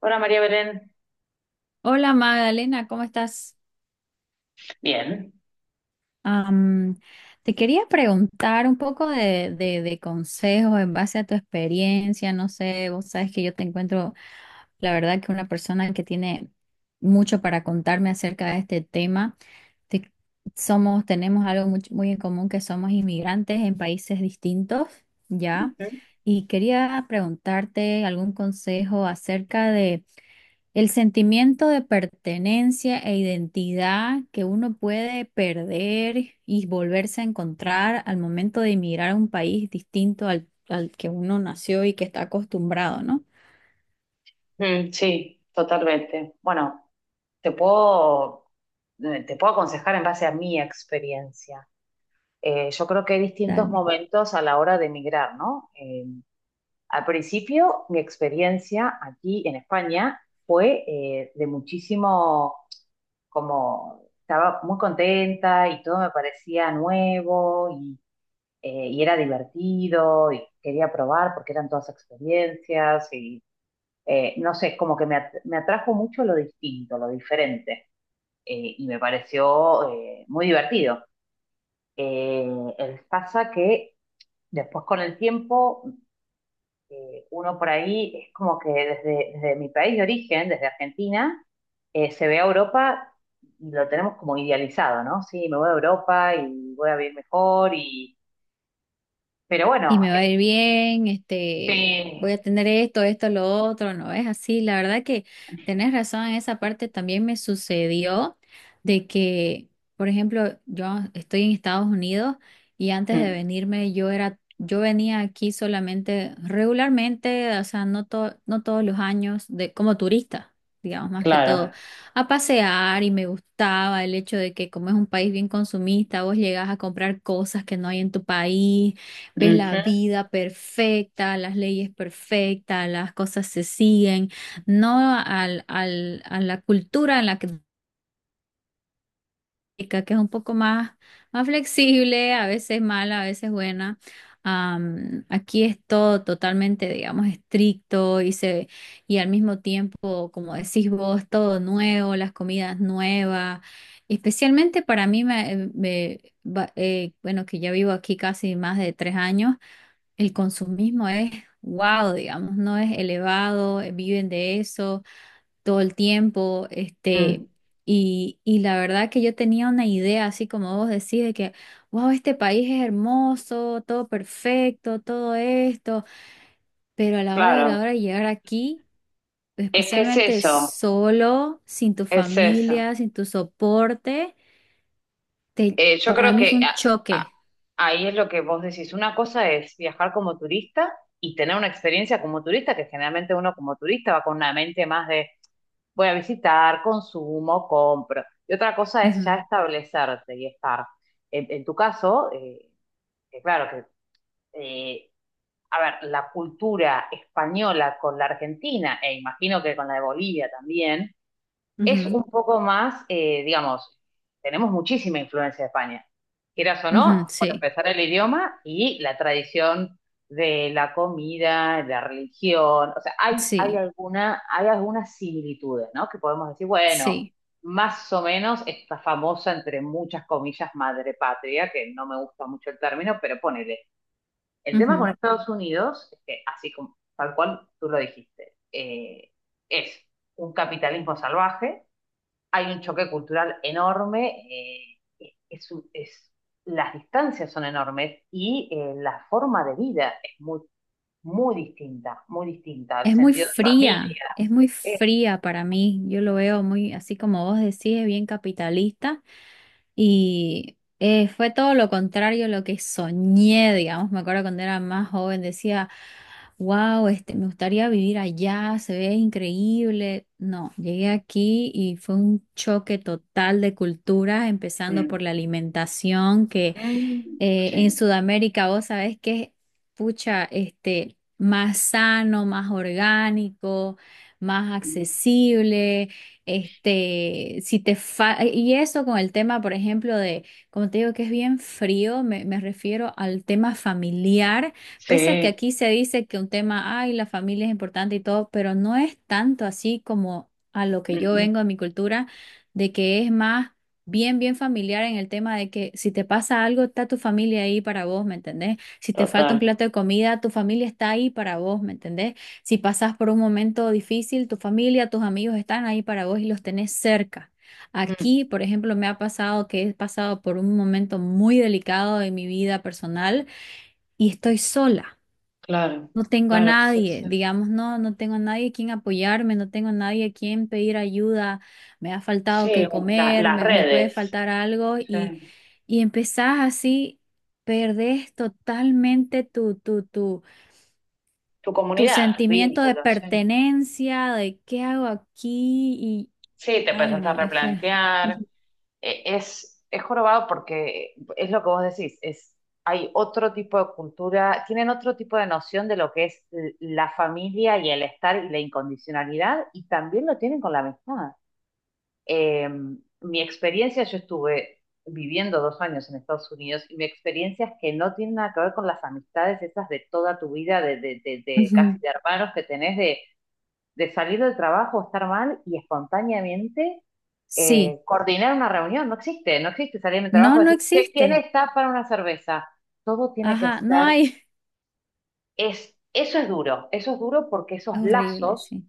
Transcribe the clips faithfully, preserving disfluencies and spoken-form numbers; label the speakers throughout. Speaker 1: Hola María Belén.
Speaker 2: Hola Magdalena, ¿cómo estás?
Speaker 1: Bien.
Speaker 2: Am, Te quería preguntar un poco de, de, de consejos en base a tu experiencia. No sé, vos sabes que yo te encuentro, la verdad, que una persona que tiene mucho para contarme acerca de este tema. Te- Somos, tenemos algo muy, muy en común, que somos inmigrantes en países distintos, ¿ya?
Speaker 1: Ujú.
Speaker 2: Y quería preguntarte algún consejo acerca de el sentimiento de pertenencia e identidad que uno puede perder y volverse a encontrar al momento de emigrar a un país distinto al, al que uno nació y que está acostumbrado, ¿no?
Speaker 1: Mm, sí, totalmente. Bueno, te puedo, eh, te puedo aconsejar en base a mi experiencia. Eh, yo creo que hay distintos
Speaker 2: Dale.
Speaker 1: momentos a la hora de emigrar, ¿no? Eh, al principio, mi experiencia aquí en España fue eh, de muchísimo, como estaba muy contenta y todo me parecía nuevo y, eh, y era divertido y quería probar porque eran todas experiencias eh, no sé, como que me, at- me atrajo mucho lo distinto, lo diferente, eh, y me pareció eh, muy divertido. Eh, el- Pasa que después con el tiempo, eh, uno por ahí es como que desde, desde mi país de origen, desde Argentina, eh, se ve a Europa y lo tenemos como idealizado, ¿no? Sí, me voy a Europa y voy a vivir mejor y... Pero
Speaker 2: Y
Speaker 1: bueno,
Speaker 2: me va a ir bien, este,
Speaker 1: este...
Speaker 2: voy a tener esto, esto, lo otro, no es así. La verdad que tenés razón en esa parte. También me sucedió de que, por ejemplo, yo estoy en Estados Unidos y antes de
Speaker 1: Mm.
Speaker 2: venirme, yo era, yo venía aquí solamente regularmente. O sea, no to- no todos los años, de como turista, digamos, más que todo,
Speaker 1: Claro.
Speaker 2: a pasear. Y me gustaba el hecho de que, como es un país bien consumista, vos llegás a comprar cosas que no hay en tu país, ves la
Speaker 1: Ujú.
Speaker 2: vida perfecta, las leyes perfectas, las cosas se siguen, no al, al- a la cultura en la que chica, que es un poco más, más flexible, a veces mala, a veces buena. Am, aquí es todo totalmente, digamos, estricto. Y se, y al mismo tiempo, como decís vos, todo nuevo, las comidas nuevas. Especialmente para mí, me, em, me- va- eh, bueno, que ya vivo aquí casi más de tres años, el consumismo es wow, digamos, no es elevado, eh, viven de eso todo el tiempo, este.
Speaker 1: Mm.
Speaker 2: Y, y la verdad que yo tenía una idea, así como vos decís, de que wow, este país es hermoso, todo perfecto, todo esto. Pero a la hora de la
Speaker 1: Claro.
Speaker 2: hora de llegar aquí,
Speaker 1: Es que es
Speaker 2: especialmente
Speaker 1: eso.
Speaker 2: solo, sin tu
Speaker 1: Es eso.
Speaker 2: familia, sin tu soporte, te-
Speaker 1: Eh, yo
Speaker 2: para
Speaker 1: creo
Speaker 2: mí fue
Speaker 1: que
Speaker 2: un
Speaker 1: a- a-
Speaker 2: choque.
Speaker 1: ahí es lo que vos decís. Una cosa es viajar como turista y tener una experiencia como turista, que generalmente uno como turista va con una mente más de voy a visitar, consumo, compro. Y otra cosa es ya
Speaker 2: Ujú,
Speaker 1: establecerte y estar. En, en tu caso, eh, que claro que, eh, a ver, la cultura española con la argentina, e imagino que con la de Bolivia también es un poco más, eh, digamos, tenemos muchísima influencia de España, quieras o
Speaker 2: ujú, ujú,
Speaker 1: no, por
Speaker 2: sí,
Speaker 1: empezar el idioma y la tradición de la comida, la religión, o sea, hay, hay
Speaker 2: sí,
Speaker 1: alguna, hay algunas similitudes, ¿no? Que podemos decir, bueno,
Speaker 2: sí.
Speaker 1: más o menos esta famosa, entre muchas comillas, madre patria, que no me gusta mucho el término, pero ponele. El tema con Estados Unidos es que, así como, tal cual tú lo dijiste, eh, es un capitalismo salvaje, hay un choque cultural enorme, eh, es, un- es- las distancias son enormes y eh, la forma de vida es muy, muy distinta, muy distinta el
Speaker 2: Es muy
Speaker 1: sentido de
Speaker 2: fría,
Speaker 1: familia.
Speaker 2: es muy
Speaker 1: Es,
Speaker 2: fría para mí. Yo lo veo muy, así como vos decís, es bien capitalista. Y eh, fue todo lo contrario a lo que soñé, digamos. Me acuerdo cuando era más joven, decía, wow, este, me gustaría vivir allá, se ve increíble. No, llegué aquí y fue un choque total de culturas, empezando
Speaker 1: Mm.
Speaker 2: por la alimentación, que
Speaker 1: Mm,
Speaker 2: eh, en
Speaker 1: sí.
Speaker 2: Sudamérica, vos sabés que, pucha, este, más sano, más orgánico, más
Speaker 1: Mm,
Speaker 2: accesible, este. Si te fa- Y eso con el tema, por ejemplo, de, como te digo, que es bien frío. Me, me refiero al tema familiar, pese a que
Speaker 1: sí.
Speaker 2: aquí se dice que un tema, ay, la familia es importante y todo, pero no es tanto así como a lo que
Speaker 1: Mm.
Speaker 2: yo
Speaker 1: Mm,
Speaker 2: vengo a mi cultura, de que es más bien, bien familiar en el tema de que, si te pasa algo, está tu familia ahí para vos, ¿me entendés? Si te falta
Speaker 1: total.
Speaker 2: un plato de comida, tu familia está ahí para vos, ¿me entendés? Si pasás por un momento difícil, tu familia, tus amigos están ahí para vos y los tenés cerca.
Speaker 1: Mm,
Speaker 2: Aquí, por ejemplo, me ha pasado que he pasado por un momento muy delicado en mi vida personal y estoy sola.
Speaker 1: claro,
Speaker 2: No tengo a
Speaker 1: claro, sí,
Speaker 2: nadie,
Speaker 1: sí.
Speaker 2: digamos. No, no tengo a nadie a quien apoyarme, no tengo a nadie a quien pedir ayuda, me ha
Speaker 1: Sí,
Speaker 2: faltado que
Speaker 1: la-
Speaker 2: comer,
Speaker 1: las
Speaker 2: me, me puede
Speaker 1: redes,
Speaker 2: faltar algo.
Speaker 1: sí.
Speaker 2: Y, y empezás así, perdés totalmente tu, tu, tu,
Speaker 1: Tu
Speaker 2: tu
Speaker 1: comunidad,
Speaker 2: sentimiento de
Speaker 1: vínculos, sí.
Speaker 2: pertenencia, de qué hago aquí. Y
Speaker 1: Sí, te
Speaker 2: ay
Speaker 1: empezaste a
Speaker 2: no, es fue.
Speaker 1: replantear.
Speaker 2: Ujú,
Speaker 1: e- es, es jorobado porque es lo que vos decís, es, hay otro tipo de cultura, tienen otro tipo de noción de lo que es l- la familia y el estar y la incondicionalidad, y también lo tienen con la amistad. Eh, mi experiencia, yo estuve viviendo dos años en Estados Unidos, y mi experiencia es que no tiene nada que ver con las amistades esas de toda tu vida, de, de, de, de casi
Speaker 2: ujú.
Speaker 1: de hermanos que tenés, de, de salir del trabajo, estar mal y espontáneamente
Speaker 2: Sí,
Speaker 1: eh, coordinar una reunión, no existe, no existe salir de mi
Speaker 2: no,
Speaker 1: trabajo y
Speaker 2: no
Speaker 1: decir, "Che, ¿quién
Speaker 2: existe,
Speaker 1: está para una cerveza? Todo tiene que
Speaker 2: ajá, no
Speaker 1: ser,
Speaker 2: hay,
Speaker 1: es, eso es duro, eso es duro porque esos
Speaker 2: es horrible,
Speaker 1: lazos
Speaker 2: sí,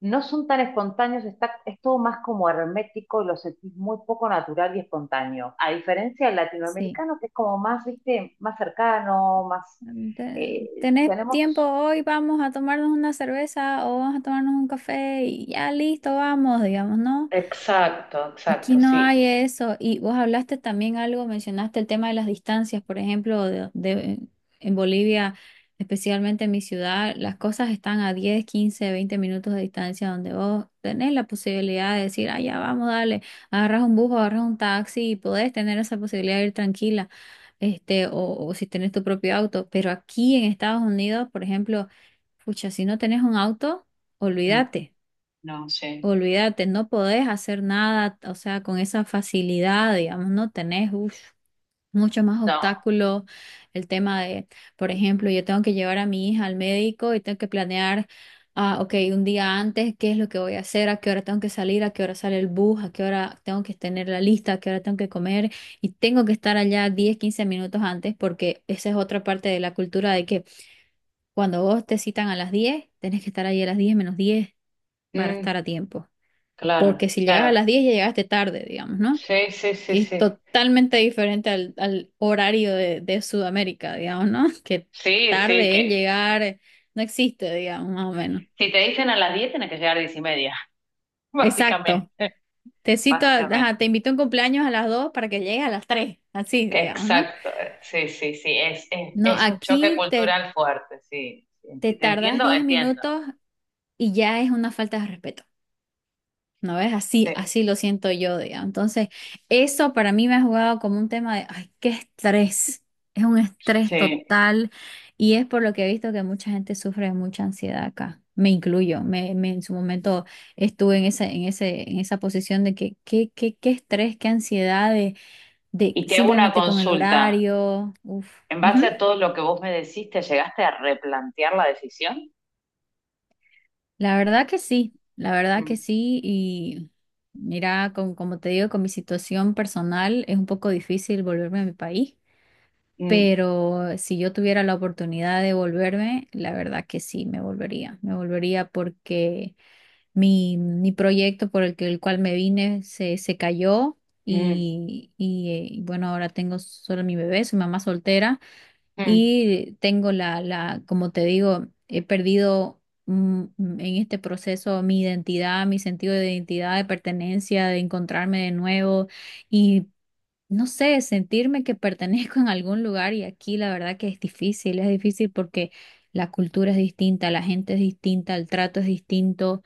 Speaker 1: no son tan espontáneos, está, es todo más como hermético y lo sentís muy poco natural y espontáneo, a diferencia del
Speaker 2: sí.
Speaker 1: latinoamericano que es como más, viste, más cercano, más,
Speaker 2: Te-
Speaker 1: eh,
Speaker 2: ¿Tenés tiempo
Speaker 1: tenemos,
Speaker 2: hoy? Vamos a tomarnos una cerveza o vamos a tomarnos un café y ya listo, vamos, digamos, ¿no?
Speaker 1: Exacto,
Speaker 2: Aquí
Speaker 1: exacto,
Speaker 2: no
Speaker 1: sí.
Speaker 2: hay eso. Y vos hablaste también algo, mencionaste el tema de las distancias. Por ejemplo, de, de- en Bolivia, especialmente en mi ciudad, las cosas están a diez, quince, veinte minutos de distancia, donde vos tenés la posibilidad de decir, ah, ya vamos, dale, agarras un bus o agarras un taxi y podés tener esa posibilidad de ir tranquila, este. O, o si tenés tu propio auto. Pero aquí en Estados Unidos, por ejemplo, pucha, si no tenés un auto,
Speaker 1: Mm,
Speaker 2: olvídate,
Speaker 1: no, sí.
Speaker 2: olvídate, no podés hacer nada, o sea, con esa facilidad, digamos. No tenés, uff, mucho más
Speaker 1: No,
Speaker 2: obstáculos, el tema de, por ejemplo, yo tengo que llevar a mi hija al médico y tengo que planear, ah, ok, un día antes, qué es lo que voy a hacer, a qué hora tengo que salir, a qué hora sale el bus, a qué hora tengo que tener la lista, a qué hora tengo que comer, y tengo que estar allá diez quince minutos antes, porque esa es otra parte de la cultura, de que cuando vos te citan a las diez, tenés que estar ahí a las diez menos diez para
Speaker 1: mm,
Speaker 2: estar a tiempo. Porque
Speaker 1: claro,
Speaker 2: si llegas a
Speaker 1: claro.
Speaker 2: las diez ya llegaste tarde, digamos, ¿no?
Speaker 1: Sí, sí, sí,
Speaker 2: Que es
Speaker 1: sí.
Speaker 2: totalmente diferente al, al horario de, de Sudamérica, digamos, ¿no? Que
Speaker 1: Sí, sí,
Speaker 2: tarde
Speaker 1: que
Speaker 2: es llegar, no existe, digamos, más o menos.
Speaker 1: si te dicen a las diez tiene que llegar a las diez,
Speaker 2: Exacto.
Speaker 1: básicamente,
Speaker 2: Te cito, a- ajá, te
Speaker 1: básicamente.
Speaker 2: invito a un cumpleaños a las dos para que llegues a las tres, así, digamos, ¿no?
Speaker 1: Exacto, eh, sí, sí, sí, es, es,
Speaker 2: No,
Speaker 1: es un choque
Speaker 2: aquí te,
Speaker 1: cultural fuerte, sí. Sí,
Speaker 2: te
Speaker 1: Enti- Te
Speaker 2: tardas
Speaker 1: entiendo,
Speaker 2: diez
Speaker 1: entiendo.
Speaker 2: minutos y ya es una falta de respeto. ¿No ves? Así,
Speaker 1: Sí,
Speaker 2: así lo siento yo, digamos. Entonces, eso para mí me ha jugado como un tema de, ay, qué estrés. Es un estrés
Speaker 1: sí.
Speaker 2: total, y es por lo que he visto que mucha gente sufre de mucha ansiedad acá. Me incluyo. Me, me- en su momento estuve en esa, en ese, en esa posición de que qué, qué, qué estrés, qué ansiedad, de, de
Speaker 1: Y te hago una
Speaker 2: simplemente con el
Speaker 1: consulta.
Speaker 2: horario. Uf.
Speaker 1: En base a todo lo que vos me decís, ¿te llegaste a replantear la decisión?
Speaker 2: La verdad que sí, la verdad que
Speaker 1: Mm,
Speaker 2: sí. Y mira, con, como te digo, con mi situación personal es un poco difícil volverme a mi país,
Speaker 1: mm,
Speaker 2: pero si yo tuviera la oportunidad de volverme, la verdad que sí, me volvería. Me volvería porque mi, mi proyecto por el que, el cual me vine se, se cayó.
Speaker 1: mm,
Speaker 2: Y, y eh, bueno, ahora tengo solo mi bebé, soy mamá soltera.
Speaker 1: mm,
Speaker 2: Y tengo la, la, como te digo, he perdido, mm, mm, en este proceso, mi identidad, mi sentido de identidad, de pertenencia, de encontrarme de nuevo. Y no sé, sentirme que pertenezco en algún lugar. Y aquí la verdad que es difícil, es difícil porque la cultura es distinta, la gente es distinta, el trato es distinto,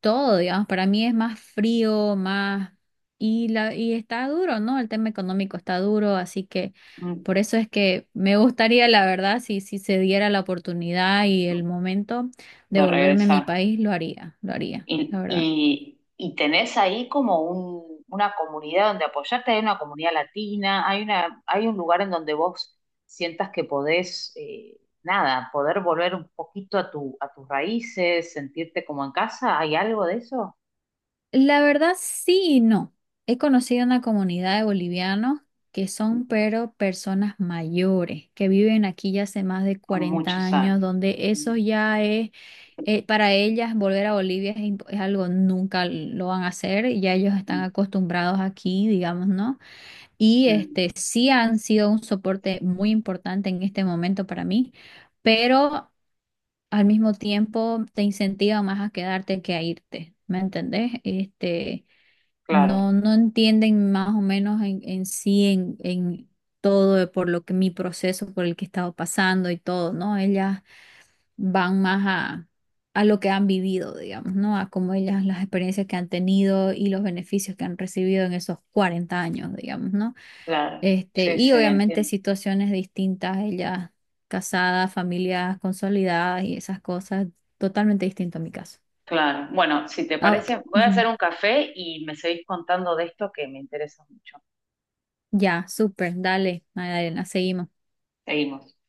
Speaker 2: todo, digamos, para mí es más frío, más... Y la, y está duro, ¿no? El tema económico está duro, así que
Speaker 1: mm.
Speaker 2: por eso es que me gustaría, la verdad, si, si se diera la oportunidad y el momento de
Speaker 1: De
Speaker 2: volverme a mi
Speaker 1: regresar.
Speaker 2: país, lo haría, lo haría, la
Speaker 1: Y,
Speaker 2: verdad.
Speaker 1: y, y tenés ahí como un, una comunidad donde apoyarte, hay una comunidad latina, hay una, hay un lugar en donde vos sientas que podés, eh, nada, poder volver un poquito a tu, a tus raíces, sentirte como en casa, ¿hay algo de eso?
Speaker 2: La verdad, sí y no. He conocido una comunidad de bolivianos, que son pero personas mayores, que viven aquí ya hace más de
Speaker 1: A
Speaker 2: cuarenta
Speaker 1: muchos
Speaker 2: años,
Speaker 1: años.
Speaker 2: donde eso
Speaker 1: Mm.
Speaker 2: ya es, eh, para ellas volver a Bolivia es, imp- es algo, nunca lo van a hacer, ya ellos están
Speaker 1: Mm.
Speaker 2: acostumbrados aquí, digamos, ¿no? Y
Speaker 1: Mm,
Speaker 2: este sí han sido un soporte muy importante en este momento para mí. Pero al mismo tiempo te incentiva más a quedarte que a irte, ¿me entendés? Este no,
Speaker 1: claro,
Speaker 2: no entienden más o menos en, en sí, en, en todo, de por lo que mi proceso, por el que he estado pasando, y todo, ¿no? Ellas van más a, a lo que han vivido, digamos, ¿no? A cómo ellas, las experiencias que han tenido y los beneficios que han recibido en esos cuarenta años, digamos, ¿no?
Speaker 1: claro.
Speaker 2: Este,
Speaker 1: Sí,
Speaker 2: y
Speaker 1: sí,
Speaker 2: obviamente
Speaker 1: entiendo.
Speaker 2: situaciones distintas, ellas casadas, familias consolidadas y esas cosas, totalmente distinto a mi caso.
Speaker 1: Claro. Bueno, si te
Speaker 2: Ah,
Speaker 1: parece, voy a hacer
Speaker 2: ujú.
Speaker 1: un café y me seguís contando de esto que me interesa mucho.
Speaker 2: Ya, súper, dale, Magdalena, seguimos.
Speaker 1: Seguimos.